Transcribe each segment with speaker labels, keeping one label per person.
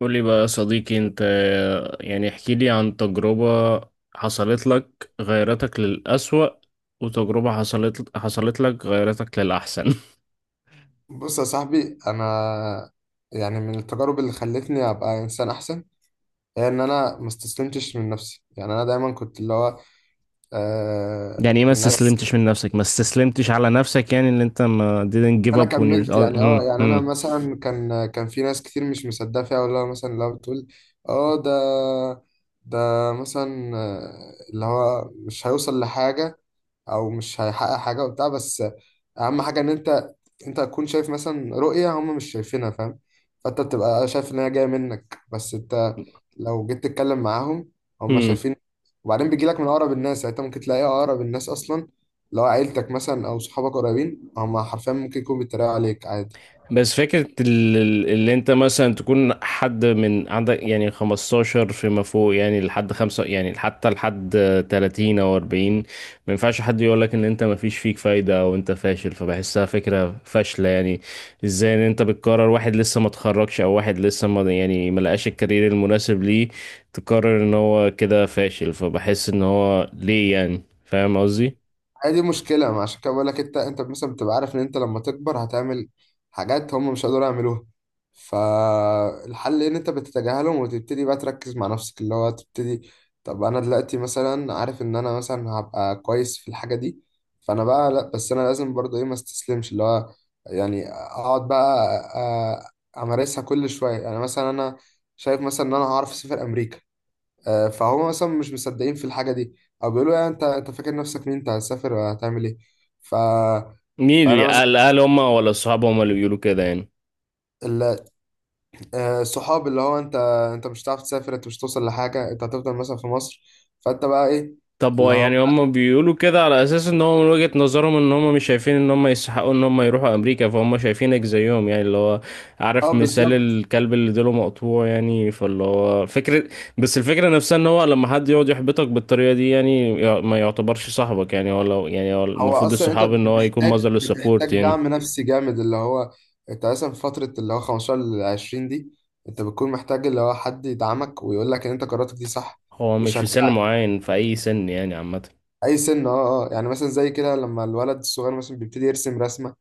Speaker 1: قول لي بقى يا صديقي انت، يعني احكي لي عن تجربة حصلت لك غيرتك للأسوأ، وتجربة حصلت لك غيرتك للأحسن.
Speaker 2: بص يا صاحبي، انا يعني من التجارب اللي خلتني ابقى انسان احسن هي ان انا ما استسلمتش من نفسي. يعني انا دايما كنت اللي هو
Speaker 1: يعني ايه ما
Speaker 2: الناس
Speaker 1: استسلمتش من نفسك؟ ما استسلمتش على نفسك، يعني اللي انت ما didn't give
Speaker 2: انا
Speaker 1: up on your
Speaker 2: كملت، يعني اه يعني انا مثلا كان في ناس كتير مش مصدقه فيها، ولا مثلا لو بتقول اه ده مثلا، اللي هو مش هيوصل لحاجه او مش هيحقق حاجه وبتاع. بس اهم حاجه ان انت تكون شايف مثلا رؤيه هم مش شايفينها، فاهم؟ فانت بتبقى شايف ان هي جايه منك، بس انت لو جيت تتكلم معاهم هم
Speaker 1: هم.
Speaker 2: شايفين. وبعدين بيجي لك من اقرب الناس، يعني انت ممكن تلاقي اقرب الناس اصلا، لو عيلتك مثلا او صحابك قريبين، هم حرفيا ممكن يكونوا بيتريقوا عليك عادي.
Speaker 1: بس فكرة اللي انت مثلا تكون حد من عندك يعني 15 فيما فوق، يعني لحد خمسة، يعني حتى لحد 30 او 40، ما ينفعش حد يقول لك ان انت ما فيش فيك فايدة او انت فاشل، فبحسها فكرة فاشلة يعني. ازاي ان انت بتقرر واحد لسه ما اتخرجش، او واحد لسه ما يعني ما لقاش الكارير المناسب ليه، تقرر ان هو كده فاشل؟ فبحس ان هو ليه، يعني فاهم قصدي؟
Speaker 2: هي دي مشكلة، ما عشان كده بقول لك، انت انت مثلا بتبقى عارف ان انت لما تكبر هتعمل حاجات هم مش هيقدروا يعملوها. فالحل ان انت بتتجاهلهم وتبتدي بقى تركز مع نفسك، اللي هو تبتدي طب انا دلوقتي مثلا عارف ان انا مثلا هبقى كويس في الحاجة دي، فانا بقى لا، بس انا لازم برضو ايه، ما استسلمش، اللي هو يعني اقعد بقى امارسها كل شوية. يعني مثلا انا شايف مثلا ان انا هعرف اسافر امريكا، فهم مثلا مش مصدقين في الحاجه دي، او بيقولوا يعني انت فاكر نفسك مين، انت هتسافر وهتعمل ايه؟ ف فانا مثلا
Speaker 1: هل هم ولا اصحابهم اللي بيقولوا كده يعني؟
Speaker 2: ال- الصحاب اللي هو انت انت مش هتعرف تسافر، انت مش هتوصل لحاجه، انت هتفضل مثلا في مصر. فانت بقى ايه
Speaker 1: طب هو
Speaker 2: اللي هو.
Speaker 1: يعني هم بيقولوا كده على اساس ان هو من وجهة نظرهم ان هم مش شايفين ان هم يستحقوا ان هم يروحوا امريكا، فهم شايفينك زيهم، يعني اللي هو
Speaker 2: اه
Speaker 1: عارف مثال
Speaker 2: بالظبط،
Speaker 1: الكلب اللي ديله مقطوع يعني، فاللي هو فكرة. بس الفكرة نفسها ان هو لما حد يقعد يحبطك بالطريقة دي، يعني ما يعتبرش صاحبك، يعني هو لو يعني هو
Speaker 2: هو
Speaker 1: المفروض
Speaker 2: اصلا انت
Speaker 1: الصحاب ان هو يكون
Speaker 2: بتحتاج
Speaker 1: مصدر للسبورت
Speaker 2: بتحتاج دعم
Speaker 1: يعني.
Speaker 2: نفسي جامد، اللي هو انت مثلا في فتره اللي هو 15 ل 20 دي انت بتكون محتاج اللي هو حد يدعمك ويقول لك ان انت قراراتك دي صح
Speaker 1: هو مش في سن
Speaker 2: ويشجعك.
Speaker 1: معين، في اي سن يعني عامة.
Speaker 2: اي سن، اه اه. يعني مثلا زي كده لما الولد الصغير مثلا بيبتدي يرسم رسمه،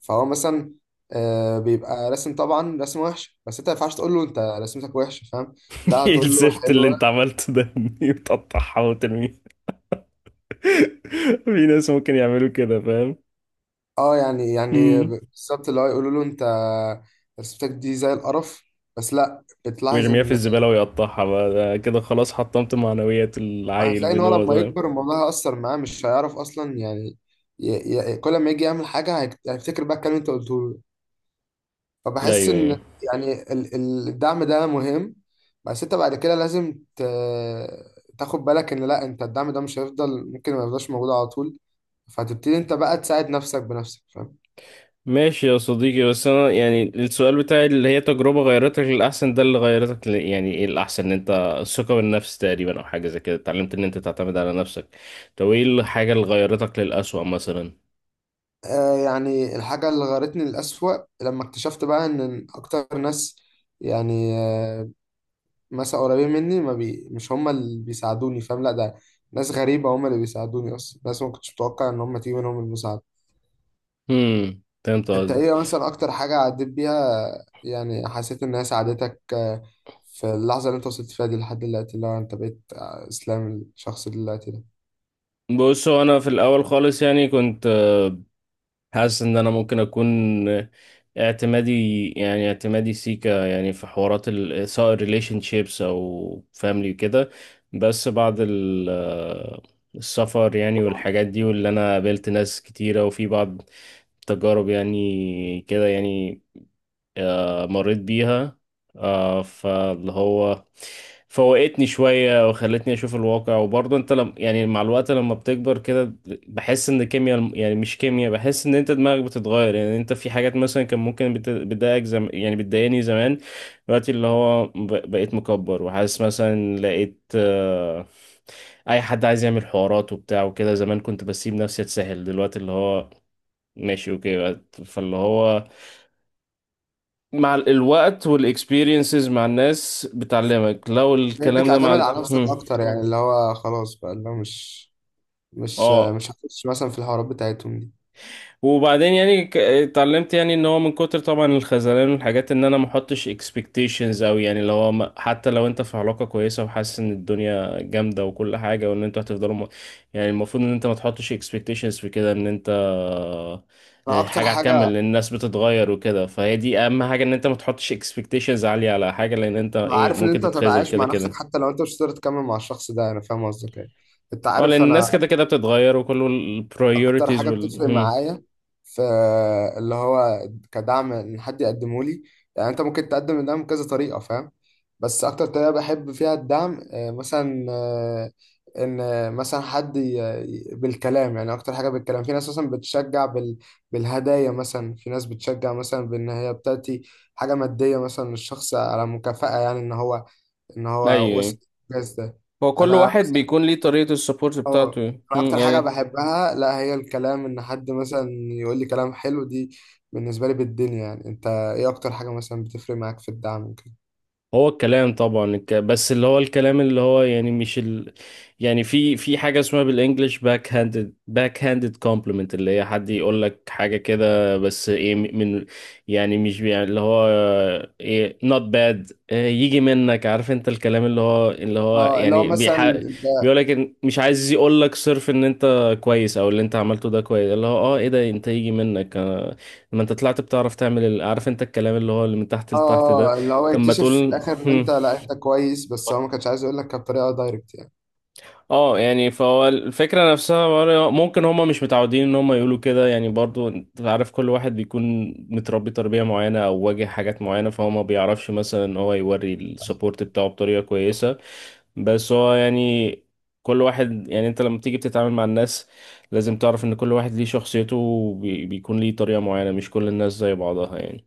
Speaker 2: فهو مثلا بيبقى رسم، طبعا رسم وحش، بس انت ما ينفعش تقول له انت رسمتك وحشه، فاهم؟ لا،
Speaker 1: ايه
Speaker 2: هتقول له
Speaker 1: الزفت اللي
Speaker 2: حلوه.
Speaker 1: انت عملته ده؟ بتقطعها وترميها. في ناس ممكن يعملوا كده فاهم.
Speaker 2: اه يعني يعني
Speaker 1: امم.
Speaker 2: بالظبط، اللي هو يقولوا له انت رسمتك دي زي القرف. بس لا، بتلاحظ
Speaker 1: ويرميها في
Speaker 2: ان
Speaker 1: الزبالة ويقطعها، بقى ده كده خلاص حطمت معنويات العيل
Speaker 2: هتلاقي ان
Speaker 1: من
Speaker 2: هو
Speaker 1: وهو
Speaker 2: لما
Speaker 1: صغير.
Speaker 2: يكبر الموضوع هيأثر معاه، مش هيعرف اصلا يعني ي... كل ما يجي يعمل حاجه هيفتكر بقى الكلام اللي انت قلته له. فبحس
Speaker 1: أيوة أيوة.
Speaker 2: ان يعني الدعم ده مهم، بس انت بعد كده لازم تاخد بالك ان لا، انت الدعم ده مش هيفضل، ممكن ما يفضلش موجود على طول، فهتبتدي انت بقى تساعد نفسك بنفسك، فاهم؟
Speaker 1: ماشي يا صديقي، بس أنا يعني السؤال بتاعي اللي هي تجربة غيرتك للأحسن ده، اللي غيرتك يعني إيه الأحسن؟ إن أنت الثقة بالنفس تقريبا، أو حاجة زي كده اتعلمت إن أنت تعتمد على نفسك. طب إيه الحاجة اللي غيرتك للأسوأ مثلا؟
Speaker 2: آه يعني الحاجة اللي غيرتني للأسوأ لما اكتشفت بقى ان اكتر ناس، يعني مثلا قريبين مني، ما بي مش هم اللي بيساعدوني، فاهم؟ لا، ده ناس غريبة هم اللي بيساعدوني اصلا، ناس ما كنتش متوقع ان هم تيجي منهم المساعدة.
Speaker 1: هم، فهمت
Speaker 2: انت
Speaker 1: قصدك.
Speaker 2: ايه مثلا اكتر حاجة عديت بيها يعني حسيت انها ساعدتك، في اللحظة اللي انت وصلت فيها دي لحد دلوقتي، اللي هو انت بقيت اسلام الشخص اللي دلوقتي ده؟
Speaker 1: بص هو أنا في الأول خالص يعني كنت حاسس ان انا ممكن اكون اعتمادي، يعني اعتمادي سيكا يعني في حوارات سواء ريليشن شيبس او فاميلي كده. بس بعد السفر يعني والحاجات دي، واللي انا قابلت ناس كتيرة وفي بعض تجارب يعني كده يعني، مريت بيها. فاللي هو فوقتني شوية وخلتني أشوف الواقع، وبرضه أنت لم يعني مع الوقت لما بتكبر كده بحس إن كيمياء، يعني مش كيمياء، بحس إن أنت دماغك بتتغير، يعني أنت في حاجات مثلا كان ممكن بتضايقك يعني بتضايقني زمان. دلوقتي اللي هو بقيت مكبر وحاسس مثلا، لقيت أي حد عايز يعمل حوارات وبتاع وكده، زمان كنت بسيب نفسي أتسهل، دلوقتي اللي هو ماشي أوكي، فاللي هو مع الوقت والاكسبيرينسز مع الناس بتعلمك لو
Speaker 2: بقيت بص
Speaker 1: الكلام ده
Speaker 2: بتعتمد
Speaker 1: مع
Speaker 2: هو على انا نفسك
Speaker 1: هم.
Speaker 2: اكتر، يعني اللي هو خلاص بقى، اللي هو مش مش آه،
Speaker 1: اه،
Speaker 2: مش هخش مثلا في الحوارات بتاعتهم دي.
Speaker 1: وبعدين يعني اتعلمت يعني ان هو من كتر طبعا الخذلان والحاجات ان انا ما احطش اكسبكتيشنز، او يعني لو هو حتى لو انت في علاقه كويسه وحاسس ان الدنيا جامده وكل حاجه وان انتوا هتفضلوا يعني المفروض ان انت ما تحطش اكسبكتيشنز في كده، ان انت
Speaker 2: انا اكتر
Speaker 1: حاجه هتكمل،
Speaker 2: حاجة
Speaker 1: لان الناس بتتغير وكده. فهي دي اهم حاجه، ان انت ما تحطش اكسبكتيشنز عاليه على حاجه، لان انت ايه
Speaker 2: عارف ان
Speaker 1: ممكن
Speaker 2: انت
Speaker 1: تتخاذل
Speaker 2: تتعايش
Speaker 1: كده
Speaker 2: مع نفسك
Speaker 1: كده.
Speaker 2: حتى لو انت مش قادر تكمل مع الشخص ده، انا فاهم قصدك ايه، انت
Speaker 1: اه لان
Speaker 2: عارف. انا
Speaker 1: الناس كده كده بتتغير، وكل
Speaker 2: اكتر
Speaker 1: البريوريتيز
Speaker 2: حاجه
Speaker 1: وال priorities وال-
Speaker 2: بتفرق
Speaker 1: هم.
Speaker 2: معايا في اللي هو كدعم ان حد يقدمه لي، يعني انت ممكن تقدم الدعم بكذا طريقه، فاهم؟ بس اكتر طريقه بحب فيها الدعم آه، مثلا آه، ان آه، مثلا حد بالكلام. يعني اكتر حاجه بالكلام. في ناس مثلا بتشجع بال بالهدايا، مثلا في ناس بتشجع مثلا بان هي بتاتي حاجه ماديه مثلا للشخص على مكافاه، يعني ان هو ان
Speaker 1: ايوه
Speaker 2: هو وصل
Speaker 1: يعني.
Speaker 2: الإنجاز ده.
Speaker 1: هو كل
Speaker 2: انا
Speaker 1: واحد بيكون ليه طريقة السبورت
Speaker 2: اه،
Speaker 1: بتاعته،
Speaker 2: انا اكتر حاجه
Speaker 1: يعني.
Speaker 2: بحبها لا، هي الكلام ان حد مثلا يقول لي كلام حلو دي بالنسبه لي بالدنيا. يعني انت ايه اكتر حاجه مثلا بتفرق معاك في الدعم وكده؟
Speaker 1: هو الكلام طبعا بس اللي هو الكلام اللي هو يعني مش يعني في حاجة اسمها بالانجلش باك هاندد كومبلمنت، اللي هي حد يقول لك حاجة كده بس ايه من، يعني مش يعني اللي هو ايه not bad، إيه يجي منك، عارف انت الكلام اللي هو
Speaker 2: اه اللي هو
Speaker 1: يعني
Speaker 2: مثلا انت
Speaker 1: بيقول لك مش عايز يقول لك صرف ان انت كويس، او اللي انت عملته ده كويس، اللي هو اه ايه ده انت يجي منك. ما انت طلعت بتعرف تعمل عارف انت الكلام اللي هو اللي من تحت
Speaker 2: اه
Speaker 1: لتحت ده.
Speaker 2: اللي هو
Speaker 1: طب ما
Speaker 2: يكتشف في
Speaker 1: تقول.
Speaker 2: الاخر ان
Speaker 1: هم.
Speaker 2: انت لا، انت كويس، بس هو ما كانش عايز يقول لك بطريقه دايركت يعني.
Speaker 1: اه يعني فهو الفكرة نفسها برضه، ممكن هما مش متعودين ان هما يقولوا كده، يعني برضو انت عارف كل واحد بيكون متربي تربية معينة او واجه حاجات معينة، فهو ما بيعرفش مثلا ان هو يوري السبورت بتاعه بطريقة كويسة. بس هو يعني كل واحد يعني انت لما تيجي بتتعامل مع الناس لازم تعرف ان كل واحد ليه شخصيته، بيكون ليه طريقة معينة، مش كل الناس زي بعضها يعني.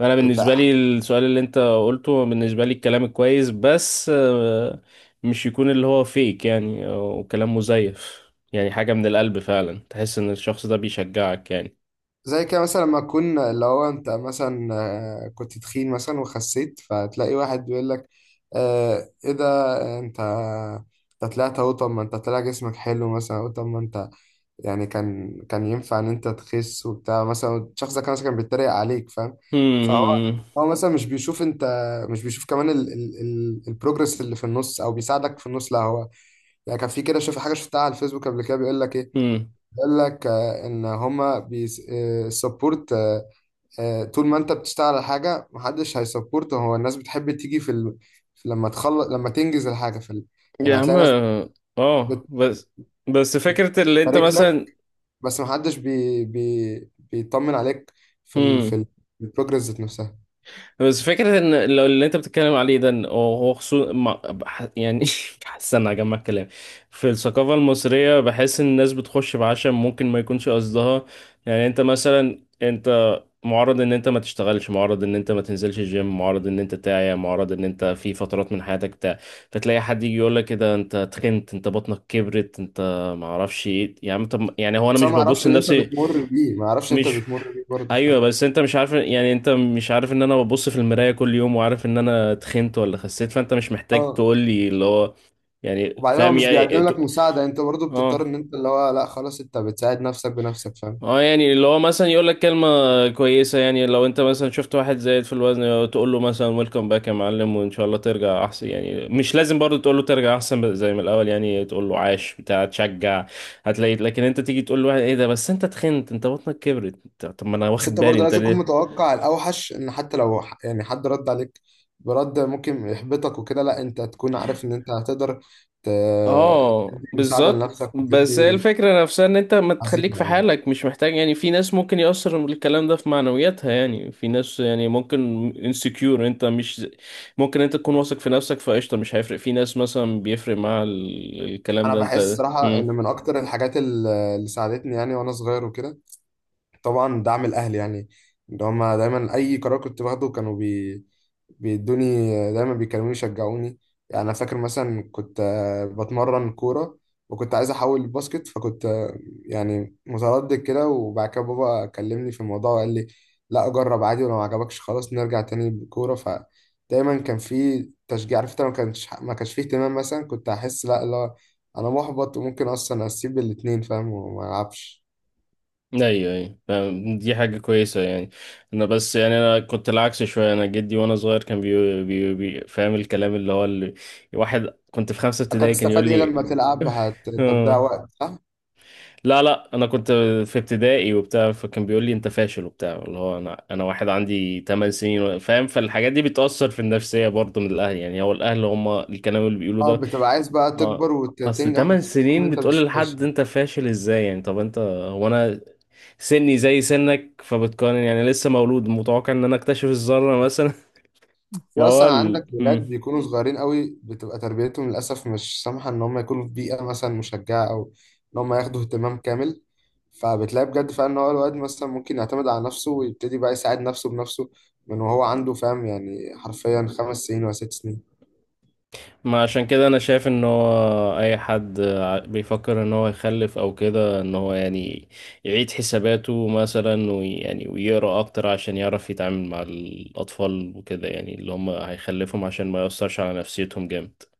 Speaker 1: انا
Speaker 2: انت
Speaker 1: بالنسبه لي السؤال اللي انت قلته، بالنسبه لي الكلام الكويس، بس مش يكون اللي هو فيك يعني، او كلام مزيف، يعني حاجه من القلب فعلا تحس ان الشخص ده بيشجعك يعني.
Speaker 2: زي كده مثلا لما تكون اللي هو انت مثلا كنت تخين مثلا وخسيت، فتلاقي واحد بيقول لك آه ايه ده انت، انت طلعت اهو، طب ما انت طلع جسمك حلو مثلا، او طب ما انت يعني كان ينفع ان انت تخس وبتاع. مثلا الشخص ده كان مثلا كان بيتريق عليك، فاهم؟ فهو
Speaker 1: مم،
Speaker 2: هو مثلا مش بيشوف انت، مش بيشوف كمان ال البروجرس اللي في النص، او بيساعدك في النص. لا هو يعني كان في كده، شوف حاجه شفتها على الفيسبوك قبل كده بيقول لك ايه،
Speaker 1: مم.
Speaker 2: بيقول لك ان هما بيسبورت طول ما انت بتشتغل على حاجه، محدش هيسبورت. هو الناس بتحب تيجي في, ال... في لما تخلص، لما تنجز الحاجه في ال...
Speaker 1: يا
Speaker 2: يعني
Speaker 1: عم
Speaker 2: هتلاقي ناس
Speaker 1: اه. آه،
Speaker 2: بتبارك
Speaker 1: بس بس فكره اللي انت
Speaker 2: لك،
Speaker 1: مثلا.
Speaker 2: بس ما حدش بي بي بيطمن عليك في ال
Speaker 1: مم.
Speaker 2: في البروجرس ذات نفسها.
Speaker 1: بس فكرة ان لو اللي انت بتتكلم عليه ده، إن هو خصوصا يعني استنى اجمع الكلام. في الثقافة المصرية بحس ان الناس بتخش بعشم، ممكن ما يكونش قصدها، يعني انت مثلا انت معرض ان انت ما تشتغلش، معرض ان انت ما تنزلش الجيم، معرض ان انت تعيا، معرض ان انت في فترات من حياتك بتاع، فتلاقي حد يجي يقول لك كده انت تخنت، انت بطنك كبرت، انت ما اعرفش ايه، يعني طب يعني هو انا
Speaker 2: بس
Speaker 1: مش
Speaker 2: انا ما
Speaker 1: ببص
Speaker 2: اعرفش اللي انت
Speaker 1: لنفسي؟
Speaker 2: بتمر بيه، ما اعرفش انت
Speaker 1: مش،
Speaker 2: بتمر بيه برضه،
Speaker 1: ايوه
Speaker 2: فاهم؟
Speaker 1: بس انت مش عارف يعني، انت مش عارف ان انا ببص في المرايه كل يوم وعارف ان انا تخنت ولا خسيت، فانت مش محتاج
Speaker 2: اه.
Speaker 1: تقول لي اللي هو، يعني
Speaker 2: وبعدين هو
Speaker 1: فاهم
Speaker 2: مش
Speaker 1: يعني
Speaker 2: بيقدم لك مساعده، انت برضه بتضطر
Speaker 1: اه
Speaker 2: ان انت اللي هو لا، خلاص، انت بتساعد نفسك بنفسك، فاهم؟
Speaker 1: اه، يعني اللي هو مثلا يقول لك كلمه كويسه، يعني لو انت مثلا شفت واحد زايد في الوزن تقول له مثلا ويلكم باك يا معلم وان شاء الله ترجع احسن يعني، مش لازم برضه تقول له ترجع احسن زي ما الاول، يعني تقول له عاش بتاع تشجع. هتلاقي لكن انت تيجي تقول لواحد ايه ده، بس انت تخنت، انت بطنك كبرت، طب ما انا
Speaker 2: بس
Speaker 1: واخد
Speaker 2: انت
Speaker 1: بالي
Speaker 2: برضه
Speaker 1: انت
Speaker 2: لازم تكون
Speaker 1: ليه.
Speaker 2: متوقع الاوحش، ان حتى لو يعني حد رد عليك برد ممكن يحبطك وكده، لا، انت تكون عارف ان انت هتقدر ت-
Speaker 1: اه
Speaker 2: تدي مساعده
Speaker 1: بالظبط،
Speaker 2: لنفسك
Speaker 1: بس هي
Speaker 2: وتدي
Speaker 1: الفكرة نفسها ان انت ما تخليك
Speaker 2: عزيمه
Speaker 1: في
Speaker 2: يعني.
Speaker 1: حالك، مش محتاج، يعني في ناس ممكن يأثر الكلام ده في معنوياتها، يعني في ناس يعني ممكن insecure، انت مش ممكن انت تكون واثق في نفسك فقشطة مش هيفرق، في ناس مثلا بيفرق مع الكلام
Speaker 2: انا
Speaker 1: ده
Speaker 2: بحس
Speaker 1: انت.
Speaker 2: صراحه ان
Speaker 1: مم.
Speaker 2: من اكتر الحاجات اللي ساعدتني يعني وانا صغير وكده طبعا دعم الاهل، يعني اللي هما دايما اي قرار كنت باخده كانوا بيدوني، دايما بيكلموني يشجعوني. يعني انا فاكر مثلا كنت بتمرن كوره، وكنت عايز احول الباسكت، فكنت يعني متردد كده. وبعد كده بابا كلمني في الموضوع وقال لي لا، جرب عادي، ولو ما عجبكش خلاص نرجع تاني بالكوره. فدايما كان في تشجيع، عرفت. أنا ما كانش، فيه اهتمام مثلا، كنت احس لا لا، انا محبط، وممكن اصلا اسيب الاتنين، فاهم، وما العبش.
Speaker 1: ايوه ايوه فاهم. دي حاجة كويسة يعني. انا بس يعني انا كنت العكس شوية، انا جدي وانا صغير كان فاهم الكلام اللي هو اللي واحد، كنت في خمسة
Speaker 2: انت
Speaker 1: ابتدائي كان يقول
Speaker 2: هتستفاد ايه لما تلعب، انت بتضيع
Speaker 1: لي.
Speaker 2: وقت صح؟
Speaker 1: لا لا انا كنت في ابتدائي وبتاع، فكان بيقول لي انت فاشل وبتاع، اللي هو انا واحد عندي 8 سنين فاهم، فالحاجات دي بتأثر في النفسية، برضه من الاهل يعني، هو الاهل هم الكلام اللي بيقولوه
Speaker 2: اه،
Speaker 1: ده.
Speaker 2: بتبقى عايز بقى
Speaker 1: اه
Speaker 2: تكبر
Speaker 1: اصل
Speaker 2: وتنجح
Speaker 1: 8
Speaker 2: وتثبت لهم ان
Speaker 1: سنين
Speaker 2: انت مش
Speaker 1: بتقول
Speaker 2: فاشل.
Speaker 1: لحد انت فاشل ازاي يعني؟ طب انت هو انا سني زي سنك فبتقارن يعني، لسه مولود متوقع ان انا اكتشف الذرة مثلا؟
Speaker 2: في
Speaker 1: فهو
Speaker 2: اصلا عندك ولاد
Speaker 1: مم.
Speaker 2: بيكونوا صغيرين قوي بتبقى تربيتهم للاسف مش سامحه ان هم يكونوا في بيئه مثلا مشجعه، او ان هم ياخدوا اهتمام كامل. فبتلاقي بجد فعلا ان هو الواد مثلا ممكن يعتمد على نفسه ويبتدي بقى يساعد نفسه بنفسه من وهو عنده، فاهم، يعني حرفيا 5 سنين ولا 6 سنين.
Speaker 1: ما عشان كده انا شايف ان هو اي حد بيفكر ان هو يخلف او كده، ان هو يعني يعيد حساباته مثلا ويعني ويقرا اكتر عشان يعرف يتعامل مع الاطفال وكده، يعني اللي هم هيخلفهم عشان ما يأثرش على نفسيتهم جامد.